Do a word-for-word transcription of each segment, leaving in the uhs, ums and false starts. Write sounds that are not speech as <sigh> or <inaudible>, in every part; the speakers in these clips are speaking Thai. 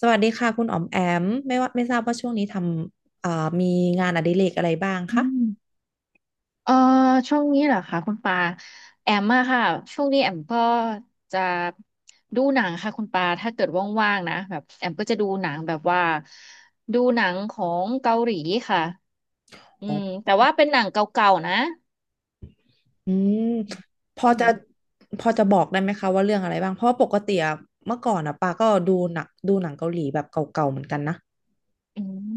สวัสดีค่ะคุณอ๋อมแอมไม่ว่าไม่ทราบว่าช่วงนี้ทำเอ่อมีงานอดิเรกอะไรบ้างอืคะมเอ่อช่วงนี้เหรอคะคุณปาแอมมาค่ะช่วงนี้แอมก็จะดูหนังค่ะคุณปาถ้าเกิดว่างๆนะแบบแอมก็จะดูหนังแบบว่าดูหนังของเกาหลีค่ะอือ๋อมแต่ว่าเป็นหนังเก่าๆนะอืมพออืมจะพอจะบอกได้ไหมคะว่าเรื่องอะไรบ้างเพราะว่าปกติอะเมื่อก่อนอะปาก็ดูหนักดูหนังเกาหลีแบบเก่าๆเหมือนกันนะอืม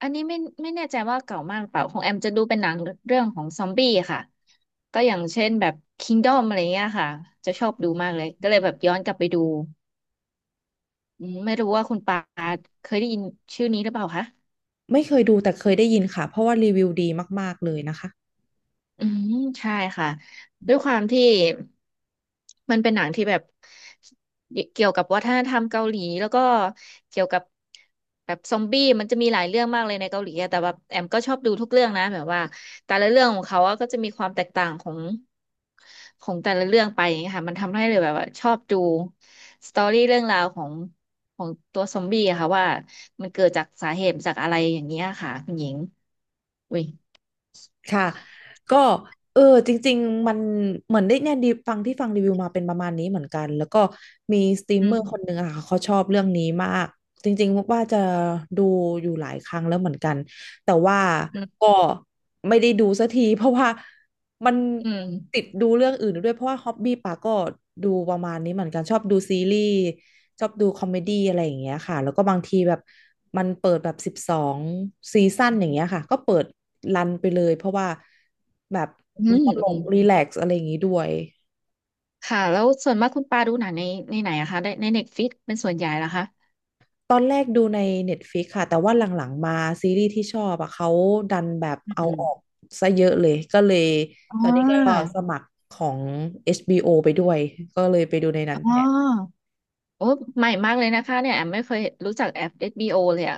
อันนี้ไม่ไม่แน่ใจว่าเก่ามากหรือเปล่าของแอมจะดูเป็นหนังเรื่องของซอมบี้ค่ะก็อย่างเช่นแบบ Kingdom อมอะไรเงี้ยค่ะจะชอบดูมากเลยก็เลยแบบย้อนกลับไปดู อืมไม่รู้ว่าคุณปาเคยได้ยินชื่อนี้หรือเปล่าคะ ไม่เคยดูแต่เคยได้ยินค่ะเพราะว่ารีวิวดีมากๆเลยนะคะ อืมใช่ค่ะด้วยความที่มันเป็นหนังที่แบบเกี่ยวกับวัฒนธรรมเกาหลีแล้วก็เกี่ยวกับแบบซอมบี้มันจะมีหลายเรื่องมากเลยในเกาหลีอะแต่แบบแอมก็ชอบดูทุกเรื่องนะแบบว่าแต่ละเรื่องของเขาอะก็จะมีความแตกต่างของของแต่ละเรื่องไปอย่างเงี้ยค่ะมันทำให้เลยแบบว่าชอบดูสตอรี่เรื่องราวของของตัวซอมบี้อะค่ะว่ามันเกิดจากสาเหตุจากอะไรอย่างเงี้ยค่ะคุณหญิงอุ้ยค่ะก็เออจริงๆมันเหมือนได้เนี่ยดีฟังที่ฟังรีวิวมาเป็นประมาณนี้เหมือนกันแล้วก็มีสตรีมอืเมอร์คนหมนึ่งอะค่ะเขาชอบเรื่องนี้มากจริงๆว่าจะดูอยู่หลายครั้งแล้วเหมือนกันแต่ว่าอืมก็ไม่ได้ดูสักทีเพราะว่า มันอืม ติดดูเรื่องอื่นด้วยเพราะว่าฮ็อบบี้ปาก็ดูประมาณนี้เหมือนกันชอบดูซีรีส์ชอบดูคอมเมดี้อะไรอย่างเงี้ยค่ะแล้วก็บางทีแบบมันเปิดแบบสิบสองซีซั่นอย่างเงี้ยค่ะก็เปิดรันไปเลยเพราะว่าแบบอืมันมตลอืกมรีแลกซ์อะไรอย่างงี้ด้วยค่ะ แล้วส่วนมากคุณปาดูหนังในในไหนอะคะในในเน็ตฟลิกเป็นส่วนใหญ่เหรอคะตอนแรกดูใน Netflix ค่ะแต่ว่าหลังๆมาซีรีส์ที่ชอบอะเขาดันแบบอืเอามออกซะเยอะเลยก็เลยอ๋ตอนนี้ก็อสมัครของเอชบีโอไปด้วยก็เลยไปดูในนั้นแท อ๋อโอ้ใหม่มากเลยนะคะเนี่ยแอมไม่เคยรู้จักแอปเอชบีโ o เลยอะ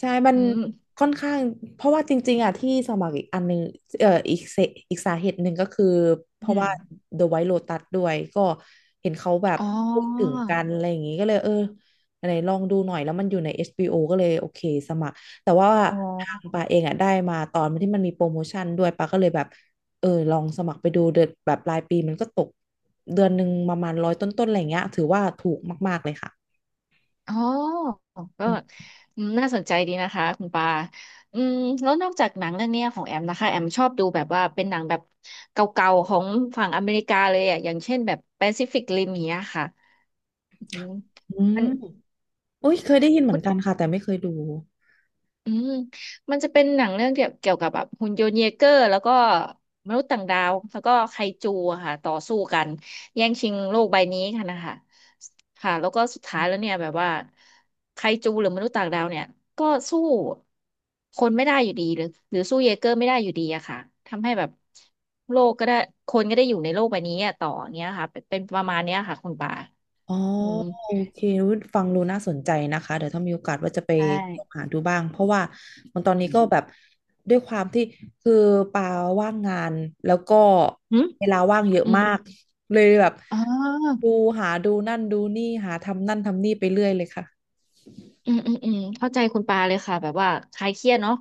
ใช่มันอืมค่อนข้างเพราะว่าจริงๆอ่ะที่สมัครอีกอันหนึงเอ่ออีกเสอีกสาเหตุหนึ่งก็คือเพอืราะว่า ม The White Lotus ด้วยก็เห็นเขาแบบอ๋อพูดถึงกันอะไรอย่างงี้ก็เลยเอออะไรลองดูหน่อยแล้วมันอยู่ใน เอช บี โอ ก็เลยโอเคสมัครแต่ว่าอ๋ทางอปาเองอ่ะได้มาตอนที่มันมีโปรโมชั่นด้วยปาก็เลยแบบเออลองสมัครไปดูเดือนแบบปลายปีมันก็ตกเดือนหนึ่งประมาณร้อยต้นๆอะไรอย่างเงี้ยถือว่าถูกมากๆเลยค่ะอ๋อก็อืมน่าสนใจดีนะคะคุณปาอืมแล้วนอกจากหนังเรื่องเนี้ยของแอมนะคะ แอมชอบดูแบบว่าเป็นหนังแบบเก่าๆของฝั่งอเมริกาเลยอะ อย่างเช่นแบบ Pacific Rim อย่างเงี้ยค่ะอืมอืมัม น โอ้ยเคยได้ยินเหมือนกันค่ะแต่ไม่เคยดูอืมมันจะเป็นหนังเรื่องเกี่ยวเกี่ยวกับแบบหุ่นยนต์เยเกอร์แล้วก็มนุษย์ต่างดาวแล้วก็ไคจูอะค่ะต่อสู้กันแย่งชิงโลกใบนี้กันนะคะค่ะแล้วก็สุดท้ายแล้วเนี่ยแบบว่าไคจูหรือมนุษย์ต่างดาวเนี่ยก็สู้คนไม่ได้อยู่ดีหรือหรือสู้เยเกอร์ไม่ได้อยู่ดีอะค่ะทำให้แบบโลกก็ได้คนก็ได้อยู่ในโลกใบนี้อะต่ออย่างเงี้ยค่ะเป็นเป็นประมาณเนี้ยค่ะคุณปาอ๋ออืมโอเคอุ๊ยฟังดูน่าสนใจนะคะเดี๋ยวถ้ามีโอกาสว่าจะไปใช่หาดูบ้างเพราะว่ามันตอนนี้อืก็มแบบด้วยความที่คือปาว่างงานแล้วก็หืมเวลาว่างเยอะอืมมากเลยแบบอ๋อ ดูหาดูนั่นดูนี่หาทำนั่นทำนี่ไปเรื่อยเลยค่ะอืมอืมอืมเข้าใจคุณปาเลยค่ะแบบว่าคลายเครียดเนาะ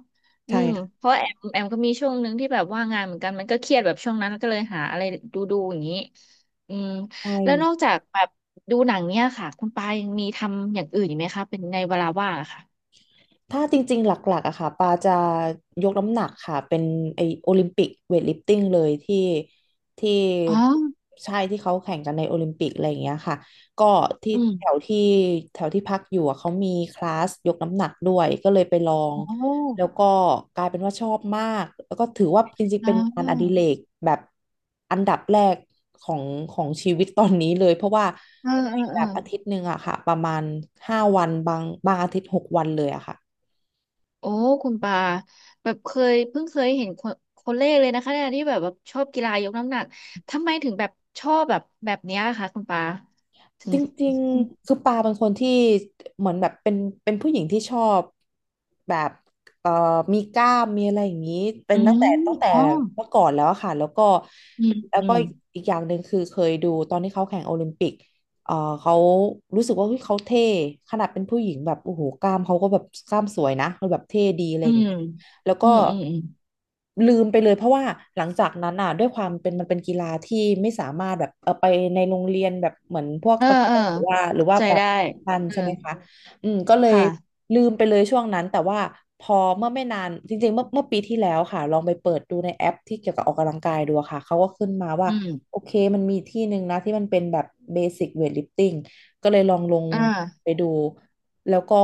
อืใช่มค่ะเพราะแอมแอมก็มีช่วงหนึ่งที่แบบว่างงานเหมือนกันมันก็เครียดแบบช่วงนั้นก็เลยหาอะไรดูดูอย่างนี้อืมใช่ แล้วนอกจากแบบดูหนังเนี่ยค่ะคุณปายังมีทำอย่างอื่นอีกไหมคะเป็นในเวลาว่างอะค่ะถ้าจริงๆ หลักๆอะค่ะปาจะยกน้ำหนักค่ะ เป็นไอโอลิมปิกเวทลิฟติ้งเลยที่ที่อ๋อใช่ที่เขาแข่งกันในโอลิมปิกอะไรอย่างเงี้ยค่ะ ก็ที่อืมแถวที่แถวที่พักอยู่อะเขามีคลาสยกน้ำหนักด้วยก็เลยไปลอง โอแล้ว้ก็กลายเป็นว่าชอบมาก แล้วก็ถือว่าจริงๆ อ่เป็นงานอดิเรากแบบอันดับแรกของของชีวิตตอนนี้เลย เพราะว่าเออเออแบเออบอาทิตย์หนึ่งอะค่ะ ประมาณห้าวันบางบางอาทิตย์หกวันเลยอะค่ะ โอ้คุณปาแบบเคยเพิ่งเคยเห็นคนคนแรกเลยนะคะเนี่ยที่แบบว่าชอบกีฬายกน้ำหนักทำไมถึงแบบชอบแบบแบบเนี้ยค่ะคุณปาถึง จริงๆคือปาเป็นคนที่เหมือนแบบเป็นเป็นผู้หญิงที่ชอบแบบเอ่อมีกล้ามมีอะไรอย่างนี้เป็อืนตั้งแต่มตั้งแต่อ๋อเมื่อก่อนแล้วอะค่ะแล้วก็อืมแล้วอืก็ม อีกอย่างหนึ่งคือเคยดูตอนที่เขาแข่งโอลิมปิกเอ่อเขารู้สึกว่าเฮ้ยเขาเท่ขนาดเป็นผู้หญิงแบบโอ้โหกล้ามเขาก็แบบกล้ามสวยนะเขาแบบเท่ดีอะไรอือย่างม นี้ แล้วก็อืม อืมอืมลืมไปเลยเพราะว่าหลังจากนั้นอ่ะด้วยความเป็นมันเป็นกีฬาที่ไม่สามารถแบบเออไปในโรงเรียนแบบเหมือนพวกเออตะกเออร้อหรือว่าหรือเข้าว่าใจแบบได้แข่ันเออใช่ไหมคะอืมก็เลยค่ะลืมไปเลยช่วงนั้นแต่ว่าพอเมื่อไม่นานจริงๆเมื่อเมื่อปีที่แล้วค่ะลองไปเปิดดูในแอปที่เกี่ยวกับออกกำลังกายดูอะค่ะเขาก็ขึ้นมาว่าอืมโอเคมันมีที่หนึ่งนะที่มันเป็นแบบเบสิ c เวทลิฟติ้งก็เลยลองลงอ่าไปดู แล้วก็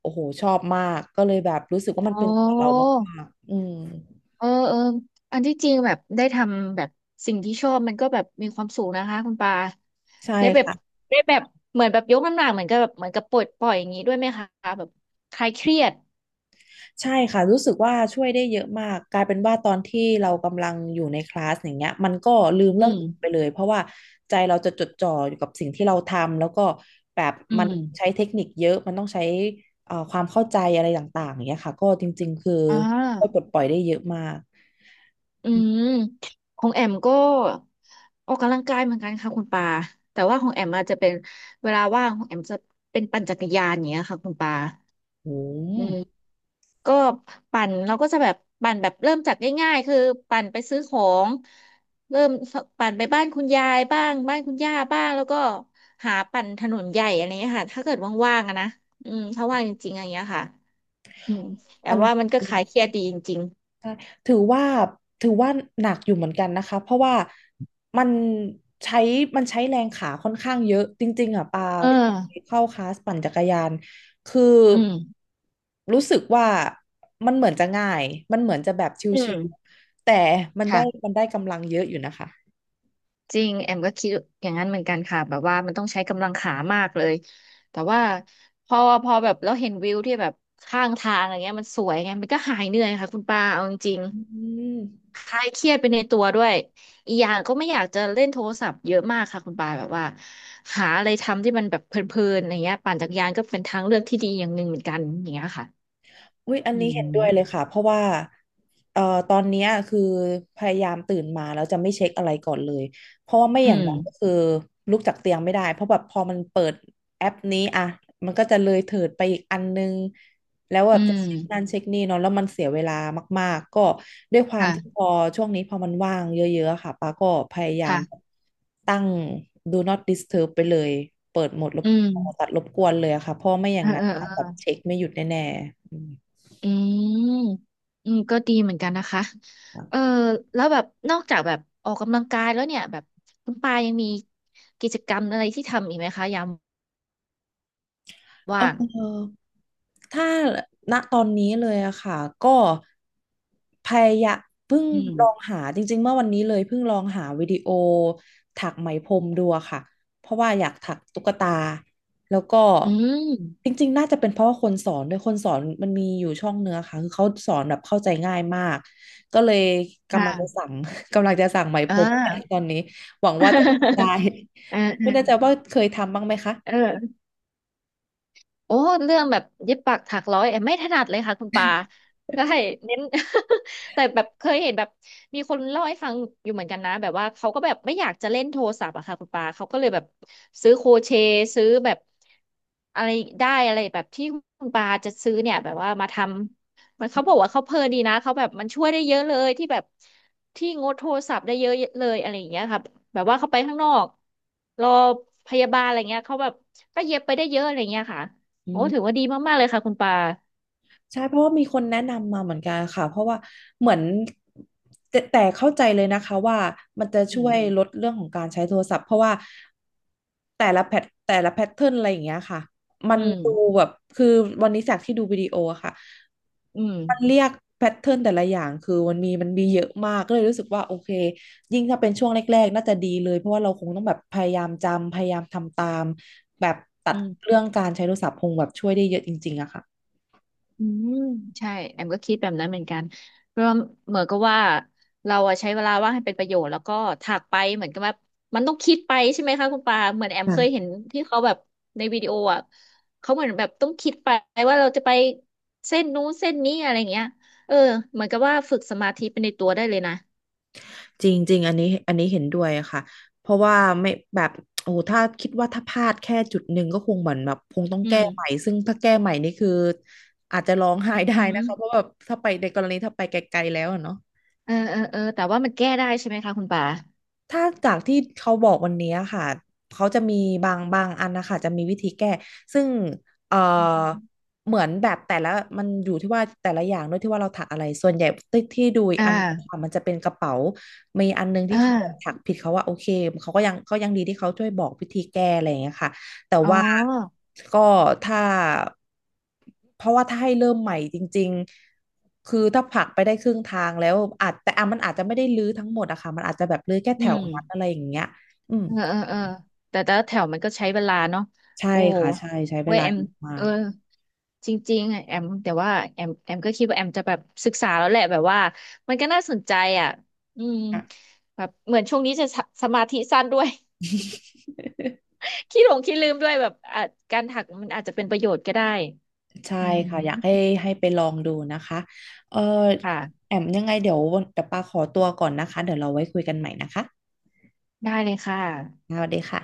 โอ้โหชอบมากก็เลยแบบรู้สึกว่ามันโอ้เป็นตัวเรามากๆอืมเออเอออันที่จริงแบบได้ทำแบบสิ่งที่ชอบมันก็แบบมีความสุขนะคะคุณปาใช่ได้แบบค่ะได้แบบเหมือนแบบยกน้ำหนักเหมือนกับแบบเหมือนกับปลดปล่อยอย่างนี้ด้วยไหมคะแบบคลายเครียดใช่ค่ะรู้สึกว่าช่วยได้เยอะมากกลายเป็นว่าตอนที่เรากำลังอยู่ในคลาสอย่างเงี้ยมันก็ลืมอืเรื่องม อื่นไปเลยเพราะว่าใจเราจะจดจ่ออยู่กับสิ่งที่เราทำแล้วก็แบบอืมันมใช้เทคนิคเยอะมันต้องใช้เอ่อความเข้าใจอะไรต่างๆอย่างเงี้ยค่ะก็จริงๆคืออ่ช่วยปลา ดปล่อยได้เยอะมากอืมของแอมก็ออกกำลังกายเหมือนกันค่ะคุณปาแต่ว่าของแอมอาจจะเป็นเวลาว่างของแอมจะเป็นปั่นจักรยานอย่างเงี้ยค่ะคุณปาโอ้อืมโหก็ปั่นเราก็จะแบบปั่นแบบเริ่มจากง่ายๆคือปั่นไปซื้อของเริ่มปั่นไปบ้านคุณยายบ้างบ้านคุณย่าบ้างแล้วก็หาปั่นถนนใหญ่อะไรเงี้ยค่ะถ้าเกิดว่างๆอะนะอืมถ้าว่างจริงๆอะไรเงี้ยค่ะอืมแอมัมน ว่ามันก็คลายเครียดดีจริงใช่ถือว่าถือว่าหนักอยู่เหมือนกันนะคะ เพราะว่ามันใช้มันใช้แรงขาค่อนข้างเยอะจริงๆอ่ะปาๆเออเข้าคลาสปั่นจักรยาน คืออืมรู้สึกว่ามันเหมือนจะง่าย มันเหมือนจะแบบชอืิมวๆแต่มันได้ค่ะ มันได้กำลังเยอะอยู่นะคะจริงแอมก็คิดอย่างนั้นเหมือนกันค่ะแบบว่ามันต้องใช้กำลังขามากเลยแต่ว่าพอพอแบบเราเห็นวิวที่แบบข้างทางอะไรเงี้ยมันสวยไงมันก็หายเหนื่อยค่ะคุณปาเอาจริงอืม ๆคลายเครียดไปในตัวด้วยอีกอย่างก็ไม่อยากจะเล่นโทรศัพท์เยอะมากค่ะคุณปาแบบว่าหาอะไรทำที่มันแบบเพลินๆอะไรเงี้ยปั่นจักรยานก็เป็นทางเลือกที่ดีอย่างหนึ่งเหมือนกันอย่างเงี้ยค่ะอุ๊ยอันอืนี้เห็นด้มวยเลยค่ะเพราะว่าเอ่อตอนเนี้ยคือพยายามตื่นมาแล้วจะไม่เช็คอะไรก่อนเลยเพราะว่าไม่อือย่างนั้นก็มคือลุกจากเตียงไม่ได้เพราะแบบพอมันเปิดแอปนี้อ่ะมันก็จะเลยเถิดไปอีกอันนึงแล้วแบอืบจะเช็คนั่นมเช็คนี่เนาะแล้วมันเสียเวลามากๆก็ด้วยความที่ค่ะพอช่วงนี้พอมันว่างเยอะๆค่ะป้าก็พยายามค่ะตั้ง Do not disturb ไปเลยเปิดโหมดรบอืมตัดรบกวนเลยอะค่ะเพราะไม่อย่าเงนั้นแบออ บเช็คไม่หยุดแน่ๆอืม อืม อืม ก็ดีเหมือนกันนะคะ เออแล้วแบบ นอกจากแบบออกกำลังกายแล้วเนี่ยแบบคุณปายังมีกิจกรรมอะไรที่ทำอีกไหมคะยามเว่าง ออถ้าณตอนนี้เลยอะค่ะก็พยายามเพิ่งอืม ลองหาจริงๆเมื่อวันนี้เลยเพิ่งลองหาวิดีโอถักไหมพรมดูอะค่ะเพราะว่าอยากถักตุ๊กตาแล้วก็อืมจริงๆน่าจะเป็นเพราะว่าคนสอนด้วยคนสอนมันมีอยู่ช่องเนื้อค่ะคือเขาสอนแบบเข้าใจง่ายมากก็เลยกำลังจะค่ะ สั่ง <laughs> กำลังจะสั่งไหม <laughs> พอ่า รมตอนนี้หวังว่าจะทำได้ <laughs> เออ ไม่แน่ใจ <laughs> ว่าเคยทำบ้างไหมคะเออ โอ้เรื่องแบบเย็บปักถักร้อยแอมไม่ถนัดเลยค่ะคุณปาได้เน้น <laughs> แต่แบบเคยเห็นแบบมีคนเล่าให้ฟังอยู่เหมือนกันนะแบบว่าเขาก็แบบไม่อยากจะเล่นโทรศัพท์อะค่ะคุณปาเขาก็เลยแบบซื้อโครเชต์ซื้อแบบอะไรได้อะไรแบบที่คุณปาจะซื้อเนี่ยแบบว่ามาทำมันเขาบอกว่าเขาเพลินดีนะเขาแบบมันช่วยได้เยอะเลยที่แบบที่งดโทรศัพท์ได้เยอะเลยอะไรอย่างเงี้ยค่ะแบบว่าเขาไปข้างนอกรอพยาบาลอะไรเงี้ยเขาแบบก็เย็บไปได้เยอะอะไรเงี้ยค่ะ โอ้อื ถือว่าดีมากๆ เลยค่ะคุณปาใช่เพราะว่ามีคนแนะนำมาเหมือนกันค่ะเพราะว่าเหมือนแต่แต่เข้าใจเลยนะคะว่ามันจะอืช่วยมลดเรื่องของการใช้โทรศัพท์เพราะว่าแต่ละแพทแต่ละแพทเทิร์นอะไรอย่างเงี้ยค่ะมัอืนมดูแบบคือวันนี้จากที่ดูวิดีโออะค่ะอืมมันเรียกแพทเทิร์นแต่ละอย่างคือมันมีมันมีเยอะมากก็เลยรู้สึกว่าโอเคยิ่งถ้าเป็นช่วงแรกๆน่าจะดีเลยเพราะว่าเราคงต้องแบบพยายามจำพยายามทำตามแบบตัอืดมเรื่องการใช้โทรศัพท์คงแบบช่วยได้เยอะจริงๆอะค่ะอืมใช่แอมก็คิดแบบนั้นเหมือนกันเพราะว่าเหมือนก็ว่าเราอะใช้เวลาว่างให้เป็นประโยชน์แล้วก็ถากไปเหมือนกับว่ามันต้องคิดไปใช่ไหมคะคุณปาเหมือนแอมเคยเห็ค่ะ นที่เขาแบบในวิดีโออะเขาเหมือนแบบต้องคิดไปว่าเราจะไปเส้นนู้นเส้นนี้อะไรอย่างเงี้ยเออเหมือนกับว่าฝึกสมาธิไปในตัวได้เลยนะจริงจริงอันนี้อันนี้เห็นด้วยค่ะเพราะว่าไม่แบบโอ้โหถ้าคิดว่าถ้าพลาดแค่จุดหนึ่งก็คงเหมือนแบบคงต้องอืแก้มใหม่ซึ่งถ้าแก้ใหม่นี่คืออาจจะร้องไห้ได้อืนะคะเพราะมแบบถ้าไปในกรณีถ้าไปไกลๆแล้วอะเนาะ เออเออเออแต่ว่ามันแก้ได้ใช่ไหมคะคุณปาถ้าจากที่เขาบอกวันนี้ค่ะเขาจะมีบางบางอันนะคะจะมีวิธีแก้ซึ่งเอ่ออมเหมือนแบบแต่ละมันอยู่ที่ว่าแต่ละอย่างด้วยที่ว่าเราถักอะไรส่วนใหญ่ที่ที่ดูอีกอ่อันาค่ะมันจะเป็นกระเป๋ามีอันนึงที่อ่า เขาถักผิดเขาว่าโอเคเขาก็ยังเขายังดีที่เขาช่วยบอกวิธีแก้อะไรอย่างเงี้ยค่ะ แต่อ๋อว่าก็ถ้าเพราะว่าถ้าให้เริ่มใหม่จริงๆคือถ้าผลักไปได้ครึ่งทางแล้วอาจแต่อ่ะมันอาจจะไม่ได้รื้อทั้งหมดอะค่ะมันอาจจะแบบรื้อแค่อืแถวมนั้นอะไรอย่างเงี้ยอืมเออเออเออแต่แต่ละแถวมันก็ใช้เวลาเนาะใช่โอ้ค่ะใช่ใช้เวเว้ยลาแอมเยอะมาเออกจริงๆอะแอมแต่ว่าแอมแอมก็คิดว่าแอมจะแบบศึกษาแล้วแหละแบบว่ามันก็น่าสนใจอ่ะอืมค่ะ <laughs> แบบเหมือนช่วงนี้จะสสมาธิสั้นด้วย <laughs> ขี้หลงขี้ลืมด้วยแบบอ่ะการถักมันอาจจะเป็นประโยชน์ก็ได้ ใช่อืมค่ะอยากให้ให้ไปลองดูนะคะเออค่ะ แอมยังไงเดี๋ยวเดี๋ยวปาขอตัวก่อนนะคะเดี๋ยวเราไว้คุยกันใหม่นะคะได้เลยค่ะสวัสดีค่ะ